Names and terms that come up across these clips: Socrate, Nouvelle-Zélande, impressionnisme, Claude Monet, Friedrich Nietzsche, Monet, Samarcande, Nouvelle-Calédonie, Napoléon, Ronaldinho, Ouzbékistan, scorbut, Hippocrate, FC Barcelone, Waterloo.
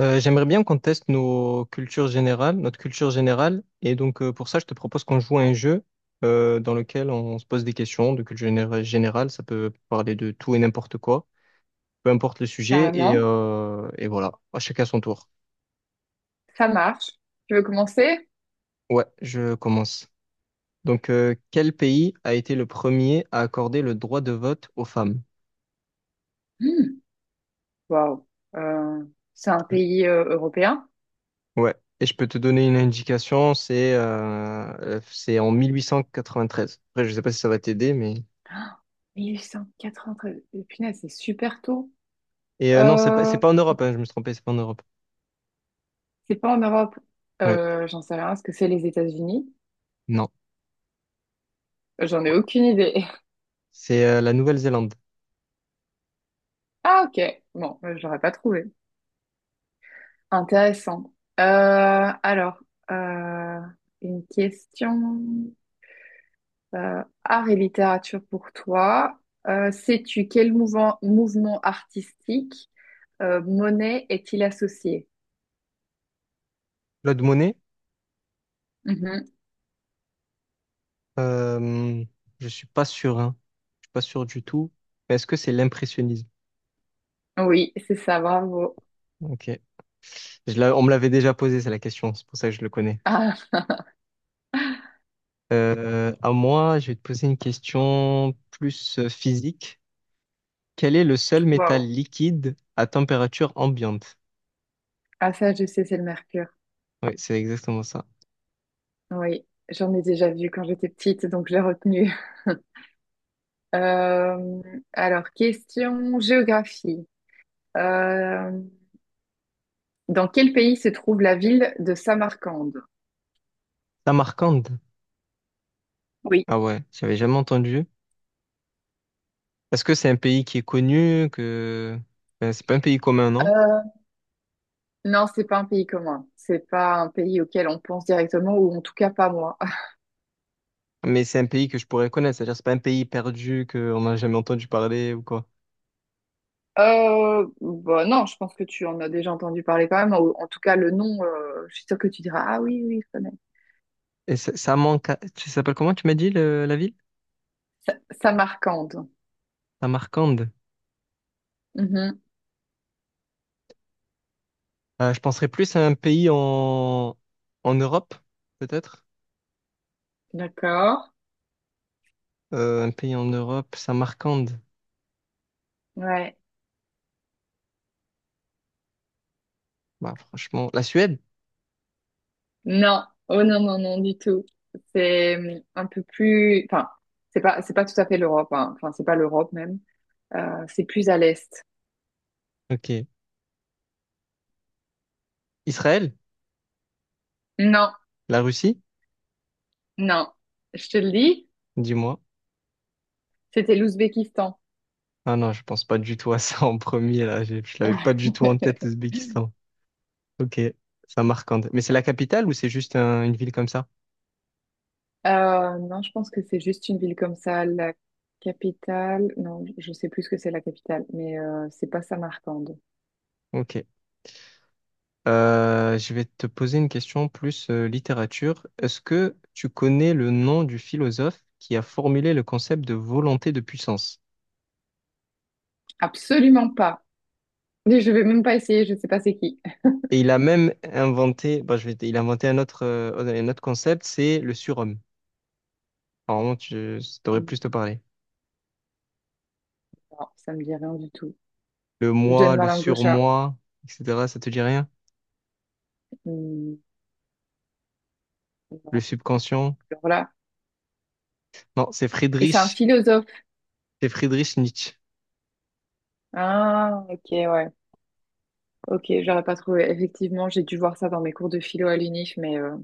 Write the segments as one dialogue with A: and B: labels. A: J'aimerais bien qu'on teste nos cultures générales, notre culture générale. Et donc, pour ça, je te propose qu'on joue à un jeu dans lequel on se pose des questions de générale. Ça peut parler de tout et n'importe quoi, peu importe le sujet. Et,
B: Carrément.
A: euh, et voilà, à chacun son tour.
B: Ça marche. Tu veux commencer?
A: Ouais, je commence. Donc, quel pays a été le premier à accorder le droit de vote aux femmes?
B: Hmm. Waouh. Euh, c'est un
A: Oui.
B: pays européen.
A: Ouais, et je peux te donner une indication, c'est en 1893. Après, je sais pas si ça va t'aider, mais...
B: 1893. Punaise, c'est super tôt.
A: Et non, c'est
B: Euh,
A: pas en Europe, hein, je me suis trompé, c'est pas en Europe.
B: c'est pas en Europe.
A: Oui,
B: J'en sais rien. Est-ce que c'est les États-Unis?
A: non.
B: J'en ai aucune idée.
A: C'est la Nouvelle-Zélande.
B: Ah, ok. Bon, je l'aurais pas trouvé. Intéressant. Euh, alors, euh, une question. Art et littérature pour toi. Sais-tu quel mouvement artistique Monet est-il associé?
A: Claude Monet,
B: Mhm.
A: euh, je suis pas sûr, hein. Je suis pas sûr du tout. Mais est-ce que c'est l'impressionnisme?
B: Oui, c'est ça, bravo.
A: Ok. On me l'avait déjà posé, c'est la question, c'est pour ça que je le connais.
B: Ah,
A: À moi, je vais te poser une question plus physique. Quel est le seul métal
B: waouh.
A: liquide à température ambiante?
B: Ah, ça, je sais, c'est le mercure.
A: Oui, c'est exactement ça.
B: Oui, j'en ai déjà vu quand j'étais petite, donc je l'ai retenu. Euh, Question géographie. Euh, Dans quel pays se trouve la ville de Samarcande?
A: Samarcande.
B: Oui.
A: Ah ouais, j'avais jamais entendu. Est-ce que c'est un pays qui est connu, que... Ben, c'est pas un pays commun, non?
B: Euh, non, c'est pas un pays commun. C'est pas un pays auquel on pense directement, ou en tout cas pas moi.
A: Mais c'est un pays que je pourrais connaître, c'est-à-dire c'est pas un pays perdu qu'on n'a jamais entendu parler ou quoi.
B: Bah non, je pense que tu en as déjà entendu parler quand même. En tout cas, le nom, je suis sûre que tu diras, ah oui, oui, je connais.
A: Et ça manque. Tu s'appelles comment tu m'as dit la ville?
B: Samarcande.
A: Samarcande.
B: Mhm.
A: Je penserais plus à un pays en en Europe, peut-être.
B: D'accord.
A: Un pays en Europe, Samarcande.
B: Ouais.
A: Bah, franchement, la Suède?
B: Non. Oh non, non, non, du tout. C'est un peu plus, enfin, c'est pas tout à fait l'Europe, hein. Enfin, c'est pas l'Europe même. C'est plus à l'Est.
A: Ok. Israël?
B: Non,
A: La Russie?
B: non. Je te le dis,
A: Dis-moi.
B: c'était l'Ouzbékistan.
A: Ah non, je pense pas du tout à ça en premier, là. Je l'avais pas du tout en tête, l'Ouzbékistan. Ok. Samarcande. Mais c'est la capitale ou c'est juste une ville comme ça?
B: Non, je pense que c'est juste une ville comme ça. La capitale, non, je sais plus ce que c'est la capitale, mais c'est pas Samarcande.
A: Ok. Je vais te poser une question plus littérature. Est-ce que tu connais le nom du philosophe qui a formulé le concept de volonté de puissance?
B: Absolument pas. Et je vais même pas essayer, je sais pas c'est qui.
A: Et il a même inventé, bon, il a inventé un autre concept, c'est le surhomme. Normalement, ça devrait plus te parler.
B: Non, ça me dit rien du tout.
A: Le
B: Je donne
A: moi,
B: ma
A: le
B: langue au chat.
A: surmoi, etc. Ça te dit rien?
B: Hmm,
A: Le
B: non,
A: subconscient?
B: alors là.
A: Non,
B: Et c'est un philosophe.
A: C'est Friedrich Nietzsche.
B: Ah, ok, ouais. Ok, j'aurais pas trouvé. Effectivement, j'ai dû voir ça dans mes cours de philo à l'UNIF, mais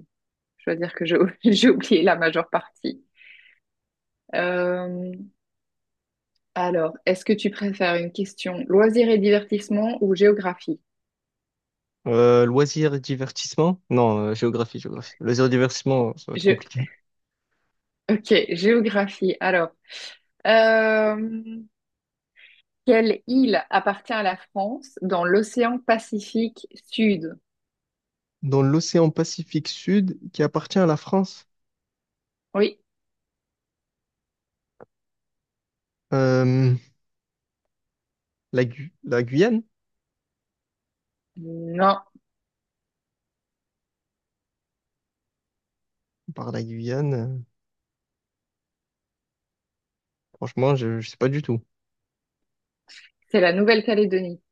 B: je dois dire que j'ai j'ai oublié la majeure partie. Euh, Alors, est-ce que tu préfères une question loisirs et divertissement ou géographie?
A: Loisirs et divertissement? Non, géographie, géographie. Loisirs et divertissement, ça va être
B: Gé-
A: compliqué.
B: Ok, géographie. Alors, euh, quelle île appartient à la France dans l'océan Pacifique Sud?
A: Dans l'océan Pacifique Sud, qui appartient à la France,
B: Oui,
A: euh, la, la Guyane?
B: non,
A: Par la Guyane, franchement, je sais pas du tout.
B: c'est la Nouvelle-Calédonie.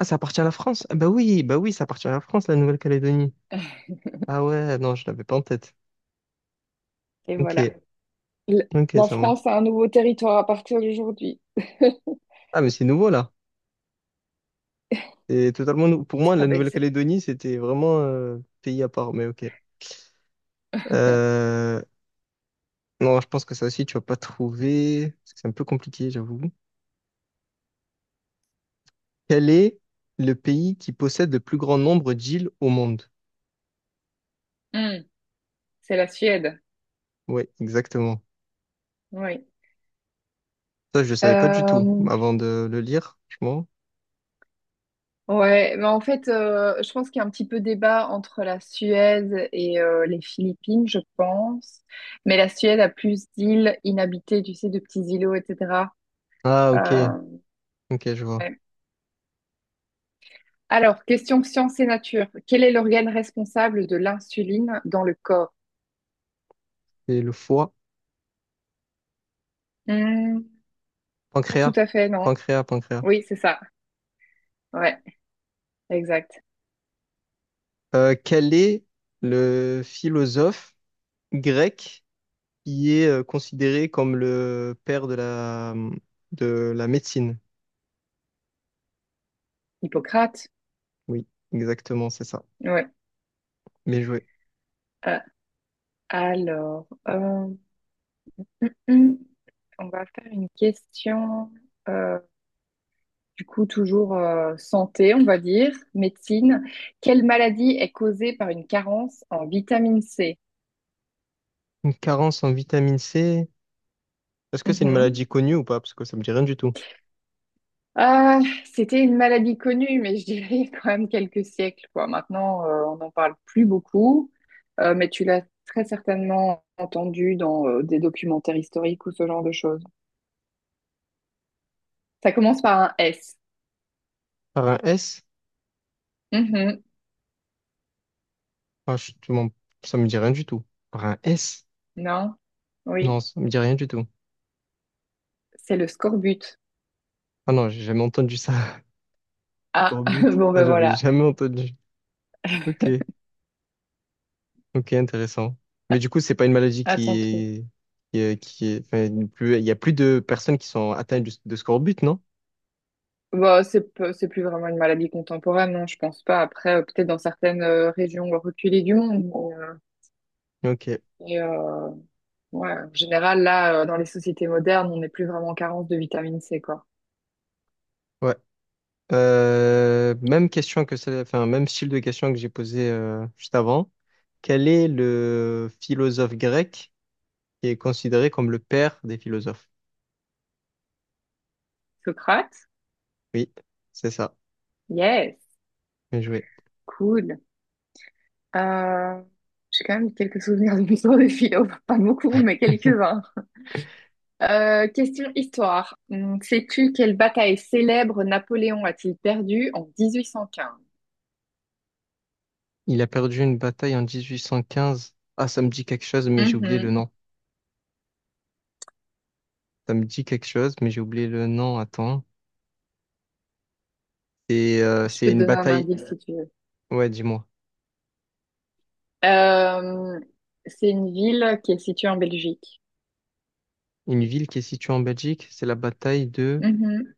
A: Ah, ça appartient à la France? Ah bah oui, ça appartient à la France, la Nouvelle-Calédonie. Ah ouais, non, je l'avais pas en tête.
B: Et
A: Ok,
B: voilà. L-
A: ok,
B: La
A: ça marche.
B: France a un nouveau territoire à partir d'aujourd'hui.
A: Ah, mais c'est nouveau là. Pour moi, la
B: Ah ben c'est
A: Nouvelle-Calédonie, c'était vraiment pays à part, mais ok. Euh, non, je pense que ça aussi, tu vas pas trouver. Parce que c'est un peu compliqué, j'avoue. Quel est le pays qui possède le plus grand nombre d'îles au monde?
B: Hmm, c'est la Suède.
A: Ouais, exactement.
B: Oui.
A: Ça, je le savais pas du tout
B: Euh,
A: avant de le lire, franchement.
B: Ouais, mais en fait, je pense qu'il y a un petit peu débat entre la Suède et les Philippines, je pense. Mais la Suède a plus d'îles inhabitées, tu sais, de petits îlots, etc.
A: Ah, ok,
B: Euh,
A: ok, je vois.
B: ouais. Alors, question science et nature. Quel est l'organe responsable de l'insuline dans le corps?
A: C'est le foie,
B: Hmm, pas
A: pancréas,
B: tout à fait, non.
A: pancréas, pancréas.
B: Oui, c'est ça. Ouais, exact.
A: Quel est le philosophe grec qui est considéré comme le père de la médecine.
B: Hippocrate.
A: Oui, exactement, c'est ça.
B: Ouais.
A: Bien joué.
B: Euh, alors, hmm, On va faire une question. euh, Du coup, toujours santé, on va dire, médecine. Quelle maladie est causée par une carence en vitamine C?
A: Une carence en vitamine C, est-ce que c'est une maladie
B: Mhm.
A: connue ou pas? Parce que ça me dit rien du tout.
B: C'était une maladie connue, mais je dirais il y a quand même quelques siècles, quoi. Maintenant, on n'en parle plus beaucoup. Mais tu l'as très certainement entendu dans des documentaires historiques ou ce genre de choses. Ça commence par un S.
A: Par un S?
B: Mhm.
A: Ah, je te mens. Ça me dit rien du tout. Par un S?
B: Non?
A: Non,
B: Oui,
A: ça me dit rien du tout.
B: c'est le scorbut.
A: Ah non, j'ai jamais entendu ça.
B: Ah,
A: Scorbut.
B: bon
A: Là,
B: ben
A: j'avais
B: voilà,
A: jamais entendu. Ok, ok, intéressant. Mais du coup, c'est pas une maladie qui
B: attends.
A: est, enfin, il y a plus de personnes qui sont atteintes de scorbut, non?
B: Bah, c'est plus vraiment une maladie contemporaine, non, je pense pas. Après, peut-être dans certaines régions reculées du monde. Mais,
A: Ok,
B: et, euh, ouais, en général, là, dans les sociétés modernes, on n'est plus vraiment en carence de vitamine C, quoi.
A: ouais. Même question que ça, enfin, même style de question que j'ai posé juste avant. Quel est le philosophe grec qui est considéré comme le père des philosophes?
B: Socrate?
A: Oui, c'est ça.
B: Yes,
A: Bien joué.
B: cool. Euh, j'ai quand même quelques souvenirs de mes cours de philo, pas beaucoup, mais quelques-uns. Question histoire. Sais-tu quelle bataille célèbre Napoléon a-t-il perdue en 1815?
A: Il a perdu une bataille en 1815. Ah, ça me dit quelque chose, mais j'ai oublié le
B: Mhm.
A: nom. Ça me dit quelque chose, mais j'ai oublié le nom. Attends.
B: Je
A: C'est
B: peux te
A: une
B: donner un
A: bataille.
B: indice si tu veux.
A: Ouais, dis-moi.
B: Euh, c'est une ville qui est située en Belgique.
A: Une ville qui est située en Belgique, c'est la bataille
B: Mhm.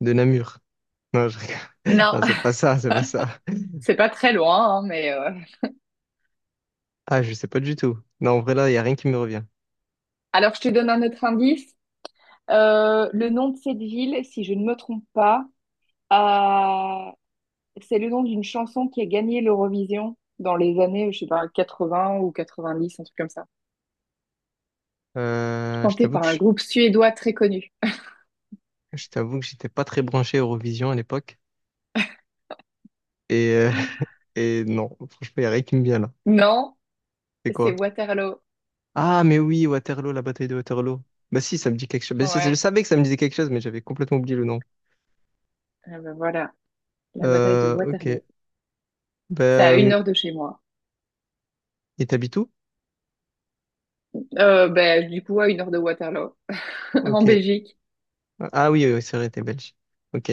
A: de Namur. Non, je rigole.
B: Non,
A: Non, c'est pas ça, c'est pas ça.
B: c'est pas très loin, hein, mais...
A: Ah, je sais pas du tout. Non, en vrai, là, il n'y a rien qui me revient.
B: alors, je te donne un autre indice. Le nom de cette ville, si je ne me trompe pas, euh, c'est le nom d'une chanson qui a gagné l'Eurovision dans les années, je sais pas, 80 ou 90, un truc comme ça.
A: Euh, je
B: Chantée
A: t'avoue
B: par
A: que
B: un
A: je,
B: groupe suédois très connu.
A: je t'avoue que j'étais pas très branché Eurovision à l'époque. Et, euh, et non, franchement, il n'y a rien qui me vient là.
B: Non,
A: C'est
B: c'est
A: quoi?
B: Waterloo.
A: Ah, mais oui, Waterloo, la bataille de Waterloo. Bah si, ça me dit quelque chose. Bah, si, je
B: Ouais,
A: savais que ça me disait quelque chose, mais j'avais complètement oublié le nom.
B: eh ben voilà, la bataille de
A: Ok.
B: Waterloo. C'est à une
A: Ben...
B: heure de chez moi.
A: Et t'habites où?
B: Ben, du coup, à 1 heure de Waterloo. En
A: Ok.
B: Belgique.
A: Ah oui, oui, oui, c'est vrai, t'es belge. Ok,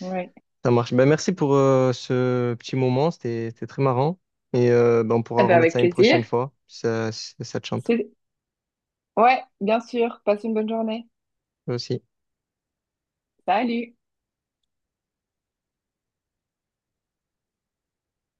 B: Ouais.
A: ça marche. Ben, merci pour ce petit moment, c'était très marrant. Et ben, on
B: Eh
A: pourra
B: ben,
A: remettre
B: avec
A: ça une
B: plaisir.
A: prochaine fois, si ça te chante.
B: C'est- Ouais, bien sûr. Passe une bonne journée.
A: Moi aussi.
B: Salut!